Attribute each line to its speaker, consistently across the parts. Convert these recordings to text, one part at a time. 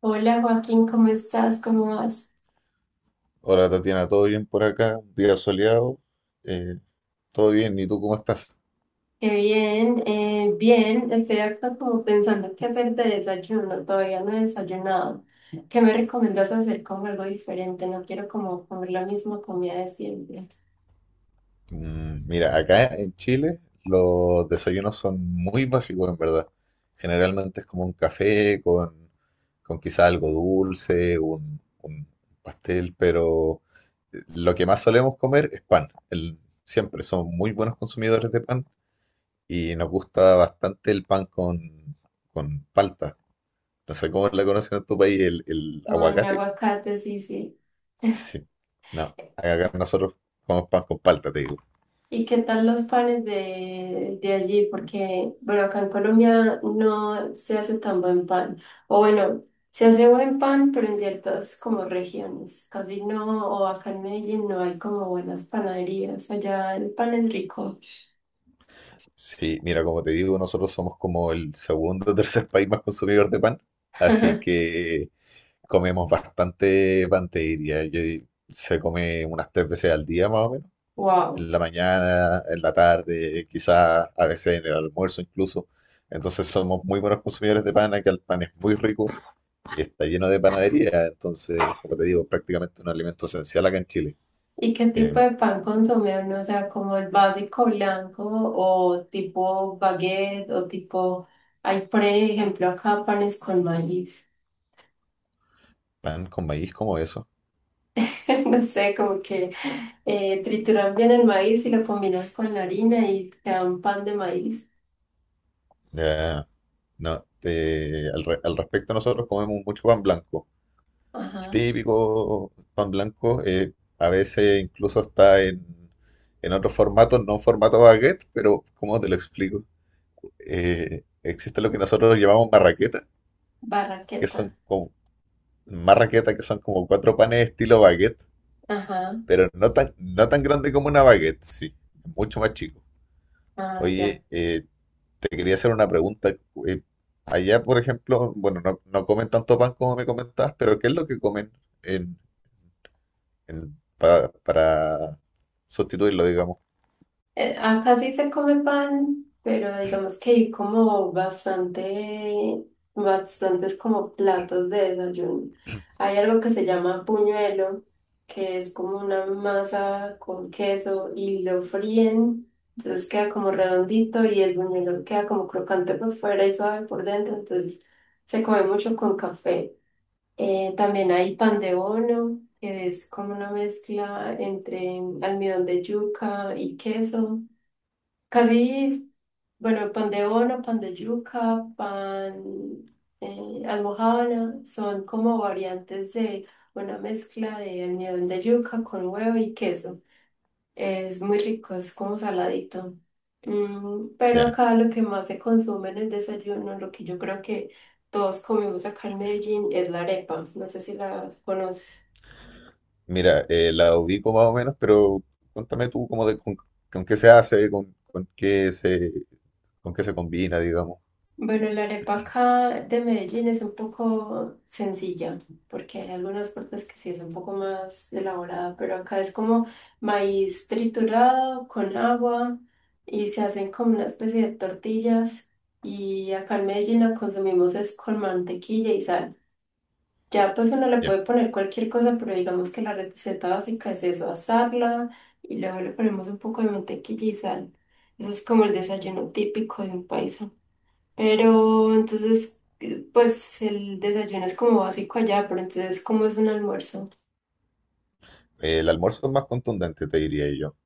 Speaker 1: Hola Joaquín, ¿cómo estás? ¿Cómo vas?
Speaker 2: Hola Tatiana, ¿todo bien por acá? Un día soleado, eh, todo bien, ¿y tú cómo estás?
Speaker 1: Qué bien, bien, estoy acá como pensando qué hacer de desayuno, todavía no he desayunado. ¿Qué me recomiendas hacer como algo diferente? No quiero como comer la misma comida de siempre.
Speaker 2: Mm, mira, acá en Chile los desayunos son muy básicos en verdad. Generalmente es como un café con quizá algo dulce, un pastel, pero lo que más solemos comer es pan. Siempre somos muy buenos consumidores de pan y nos gusta bastante el pan con palta. No sé cómo la conocen en tu país, el
Speaker 1: Con
Speaker 2: aguacate.
Speaker 1: aguacate, sí, sí.
Speaker 2: Sí, no, acá nosotros comemos pan con palta, te digo.
Speaker 1: ¿Y qué tal los panes de allí? Porque, bueno, acá en Colombia no se hace tan buen pan. O bueno, se hace buen pan, pero en ciertas como regiones. Casi no, o acá en Medellín no hay como buenas panaderías. Allá el pan es rico.
Speaker 2: Sí, mira, como te digo, nosotros somos como el segundo o tercer país más consumidor de pan, así que comemos bastante pan, te diría. Se come unas tres veces al día más o menos,
Speaker 1: Wow.
Speaker 2: en la mañana, en la tarde, quizás a veces en el almuerzo incluso. Entonces somos muy buenos consumidores de pan, acá el pan es muy rico y está lleno de panadería, entonces, como te digo, prácticamente un alimento esencial acá en Chile.
Speaker 1: ¿Y qué tipo
Speaker 2: Em,
Speaker 1: de pan consume uno? O sea, como el básico blanco o tipo baguette o tipo... Hay, por ejemplo, acá panes con maíz.
Speaker 2: Pan con maíz como eso.
Speaker 1: No sé, como que trituran bien el maíz y lo combinan con la harina y te dan pan de maíz.
Speaker 2: Ya, no, al respecto nosotros comemos mucho pan blanco. El
Speaker 1: Ajá.
Speaker 2: típico pan blanco a veces incluso está en otros formatos, no en formato baguette, pero ¿cómo te lo explico? Existe lo que nosotros llamamos marraqueta, que
Speaker 1: Barraqueta.
Speaker 2: son como marraqueta, que son como cuatro panes estilo baguette,
Speaker 1: Ajá.
Speaker 2: pero no tan, no tan grande como una baguette, sí, mucho más chico.
Speaker 1: Ah, ya.
Speaker 2: Oye, te quería hacer una pregunta. eh, Allá, por ejemplo, bueno, no, no comen tanto pan como me comentabas, pero ¿qué es lo que comen en, para sustituirlo, digamos?
Speaker 1: Acá sí se come pan, pero digamos que hay como bastantes como platos de desayuno. Hay algo que se llama puñuelo, que es como una masa con queso y lo fríen, entonces queda como redondito y el buñuelo queda como crocante por fuera y suave por dentro, entonces se come mucho con café. También hay pan de bono, que es como una mezcla entre almidón de yuca y queso. Casi, bueno, pan de bono, pan de yuca, pan almojábana, son como variantes de una mezcla de almidón de yuca con huevo y queso. Es muy rico, es como saladito. Mm, pero
Speaker 2: Ya.
Speaker 1: acá lo que más se consume en el desayuno, lo que yo creo que todos comemos acá en Medellín, es la arepa. No sé si la conoces.
Speaker 2: Mira, la ubico más o menos, pero cuéntame tú con qué se hace, con qué se combina, digamos.
Speaker 1: Bueno, la arepa acá de Medellín es un poco sencilla, porque hay algunas partes que sí es un poco más elaborada, pero acá es como maíz triturado con agua y se hacen como una especie de tortillas y acá en Medellín la consumimos es con mantequilla y sal. Ya pues uno le
Speaker 2: Ya.
Speaker 1: puede poner cualquier cosa, pero digamos que la receta básica es eso, asarla y luego le ponemos un poco de mantequilla y sal. Ese es como el desayuno típico de un país. Pero entonces, pues el desayuno es como básico allá, pero entonces, ¿cómo es un almuerzo?
Speaker 2: El almuerzo es más contundente, te diría yo.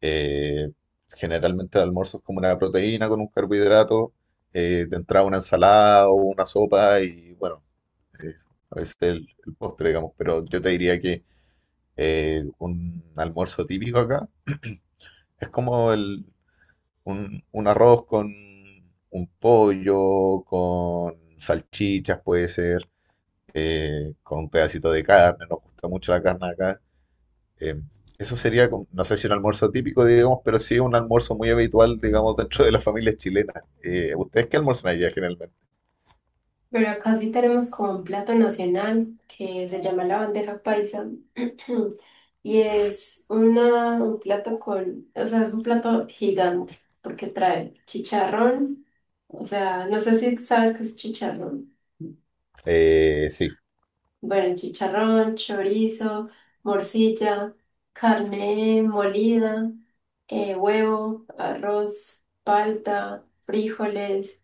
Speaker 2: Eh, Generalmente el almuerzo es como una proteína con un carbohidrato, de entrada una ensalada o una sopa y bueno, eh, a veces el postre, digamos, pero yo te diría que un almuerzo típico acá es como un arroz con un pollo, con salchichas puede ser, con un pedacito de carne, nos gusta mucho la carne acá. eh, Eso sería, no sé si un almuerzo típico, digamos, pero sí un almuerzo muy habitual, digamos, dentro de las familias chilenas. ¿Ustedes qué almuerzan allá generalmente?
Speaker 1: Pero acá sí tenemos como un plato nacional que se llama la bandeja paisa. Y es una, un plato con, o sea, es un plato gigante porque trae chicharrón. O sea, no sé si sabes qué es chicharrón.
Speaker 2: Sí.
Speaker 1: Bueno, chicharrón, chorizo, morcilla, carne molida, huevo, arroz, palta, frijoles,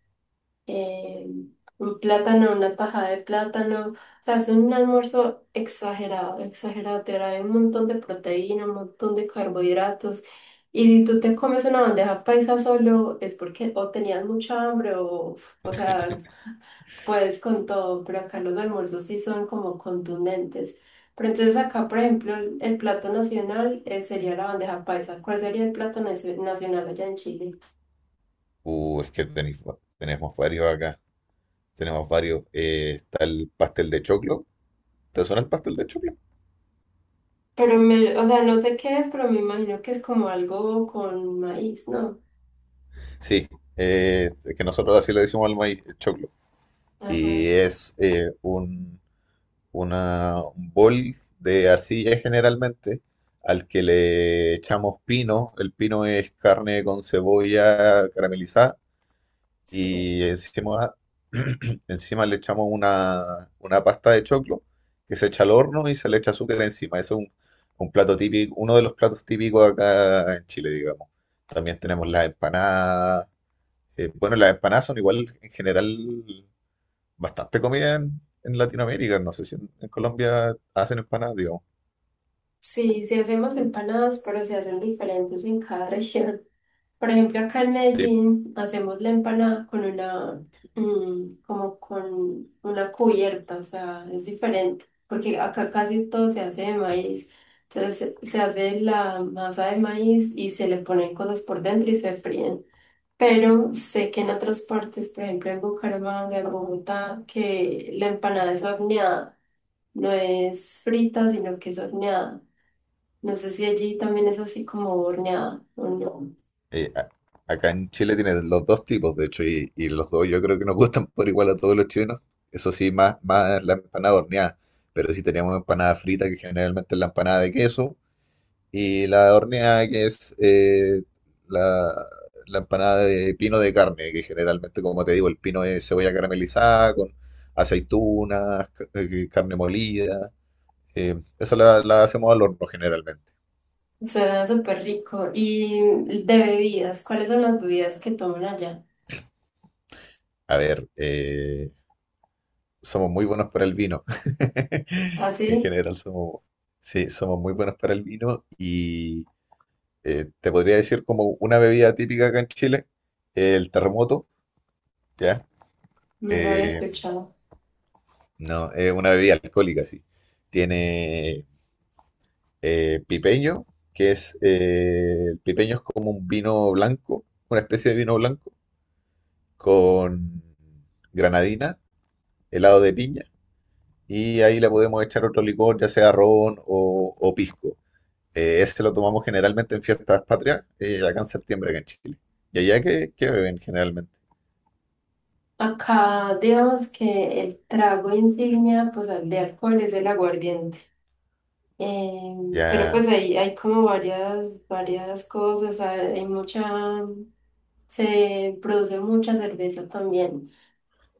Speaker 1: eh, un plátano, una taja de plátano. O sea, es un almuerzo exagerado, exagerado. Te da un montón de proteína, un montón de carbohidratos. Y si tú te comes una bandeja paisa solo, es porque o tenías mucha hambre o sea, puedes con todo, pero acá los almuerzos sí son como contundentes. Pero entonces acá, por ejemplo, el plato nacional sería la bandeja paisa. ¿Cuál sería el plato nacio- nacional allá en Chile?
Speaker 2: Es que tenemos varios acá. Tenemos varios. Está el pastel de choclo. ¿Te suena el pastel de choclo?
Speaker 1: Pero me, o sea, no sé qué es, pero me imagino que es como algo con maíz, ¿no?
Speaker 2: Sí, es que nosotros así le decimos al maíz, el choclo. Y
Speaker 1: Ajá.
Speaker 2: es un bol de arcilla generalmente al que le echamos pino. El pino es carne con cebolla caramelizada y encima, encima le echamos una pasta de choclo que se echa al horno y se le echa azúcar encima. Ese es un plato típico, uno de los platos típicos acá en Chile, digamos. También tenemos las empanadas. Bueno, las empanadas son igual en general bastante comida en Latinoamérica. No sé si en Colombia hacen empanadas, digamos.
Speaker 1: Sí, sí hacemos empanadas, pero se hacen diferentes en cada región. Por ejemplo, acá en
Speaker 2: Sí.
Speaker 1: Medellín hacemos la empanada con una, mm, como con una cubierta, o sea, es diferente, porque acá casi todo se hace de maíz. Entonces se hace la masa de maíz y se le ponen cosas por dentro y se fríen. Pero sé que en otras partes, por ejemplo en Bucaramanga, en Bogotá, que la empanada es horneada, no es frita, sino que es horneada. No sé si allí también es así como horneada o no.
Speaker 2: eh, a- Acá en Chile tienen los dos tipos, de hecho, y los dos yo creo que nos gustan por igual a todos los chilenos. Eso sí, más, más la empanada horneada, pero sí tenemos empanada frita, que generalmente es la empanada de queso, y la horneada, que es la, la empanada de pino de carne, que generalmente, como te digo, el pino es cebolla caramelizada con aceitunas, carne molida. Esa la hacemos al horno generalmente.
Speaker 1: Suena súper rico. Y de bebidas, ¿cuáles son las bebidas que toman allá?
Speaker 2: A ver, somos muy buenos para el vino. En
Speaker 1: Así,
Speaker 2: general somos, sí, somos muy buenos para el vino y te podría decir como una bebida típica acá en Chile, el terremoto, ¿ya?
Speaker 1: no lo había
Speaker 2: Eh,
Speaker 1: escuchado.
Speaker 2: no, es una bebida alcohólica, sí. Tiene pipeño, que es, el pipeño es como un vino blanco, una especie de vino blanco, con granadina, helado de piña, y ahí le podemos echar otro licor, ya sea ron o pisco. Ese lo tomamos generalmente en fiestas patrias, acá en septiembre, acá en Chile. ¿Y allá qué, qué beben generalmente?
Speaker 1: Acá, digamos que el trago insignia, pues, al de alcohol es el aguardiente. Eh, pero pues
Speaker 2: Ya.
Speaker 1: ahí hay como varias cosas, hay hay mucha, se produce mucha cerveza también.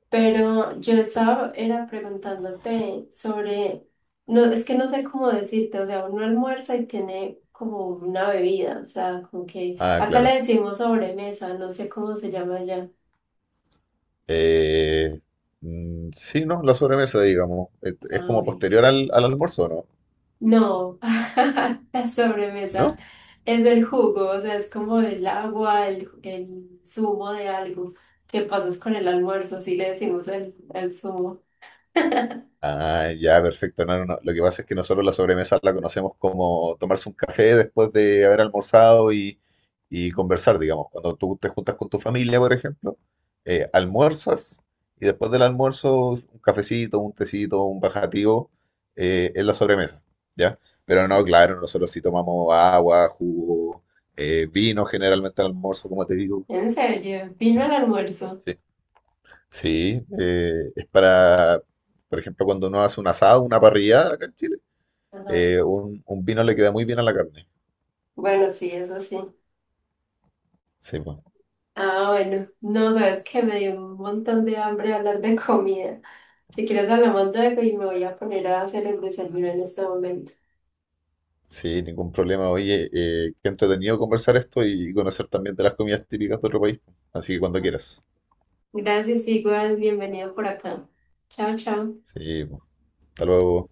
Speaker 1: Pero yo estaba, era preguntándote sobre, no, es que no sé cómo decirte, o sea, uno almuerza y tiene como una bebida, o sea, como que
Speaker 2: Ah,
Speaker 1: acá le
Speaker 2: claro.
Speaker 1: decimos sobremesa, no sé cómo se llama allá.
Speaker 2: Eh, mm, sí, no, la sobremesa, digamos. Es
Speaker 1: Ah,
Speaker 2: como
Speaker 1: ok.
Speaker 2: posterior al almuerzo, ¿no?
Speaker 1: No, la sobremesa
Speaker 2: ¿No?
Speaker 1: es el jugo, o sea, es como el agua, el zumo de algo que pasas con el almuerzo, así le decimos el zumo.
Speaker 2: Ah, ya, perfecto. No, no, no. Lo que pasa es que nosotros la sobremesa la conocemos como tomarse un café después de haber almorzado y conversar, digamos. Cuando tú te juntas con tu familia, por ejemplo, almuerzas y después del almuerzo un cafecito, un tecito, un bajativo, es la sobremesa, ¿ya? Pero no,
Speaker 1: Sí.
Speaker 2: claro, nosotros sí tomamos agua, jugo, vino generalmente al almuerzo, como te digo.
Speaker 1: ¿En serio? ¿Vino el almuerzo?
Speaker 2: Sí, es para, por ejemplo, cuando uno hace un asado, una parrillada acá en Chile,
Speaker 1: Ajá.
Speaker 2: un vino le queda muy bien a la carne.
Speaker 1: Bueno, sí, eso sí.
Speaker 2: Sí, pues,
Speaker 1: Ah, bueno, no, sabes que me dio un montón de hambre hablar de comida. Si quieres hablamos luego y me voy a poner a hacer el desayuno en este momento.
Speaker 2: sí, ningún problema. Oye, qué entretenido conversar esto y conocer también de las comidas típicas de otro país. Así que cuando quieras.
Speaker 1: Gracias, igual, bienvenido por acá. Chao, chao.
Speaker 2: Sí, pues, hasta luego.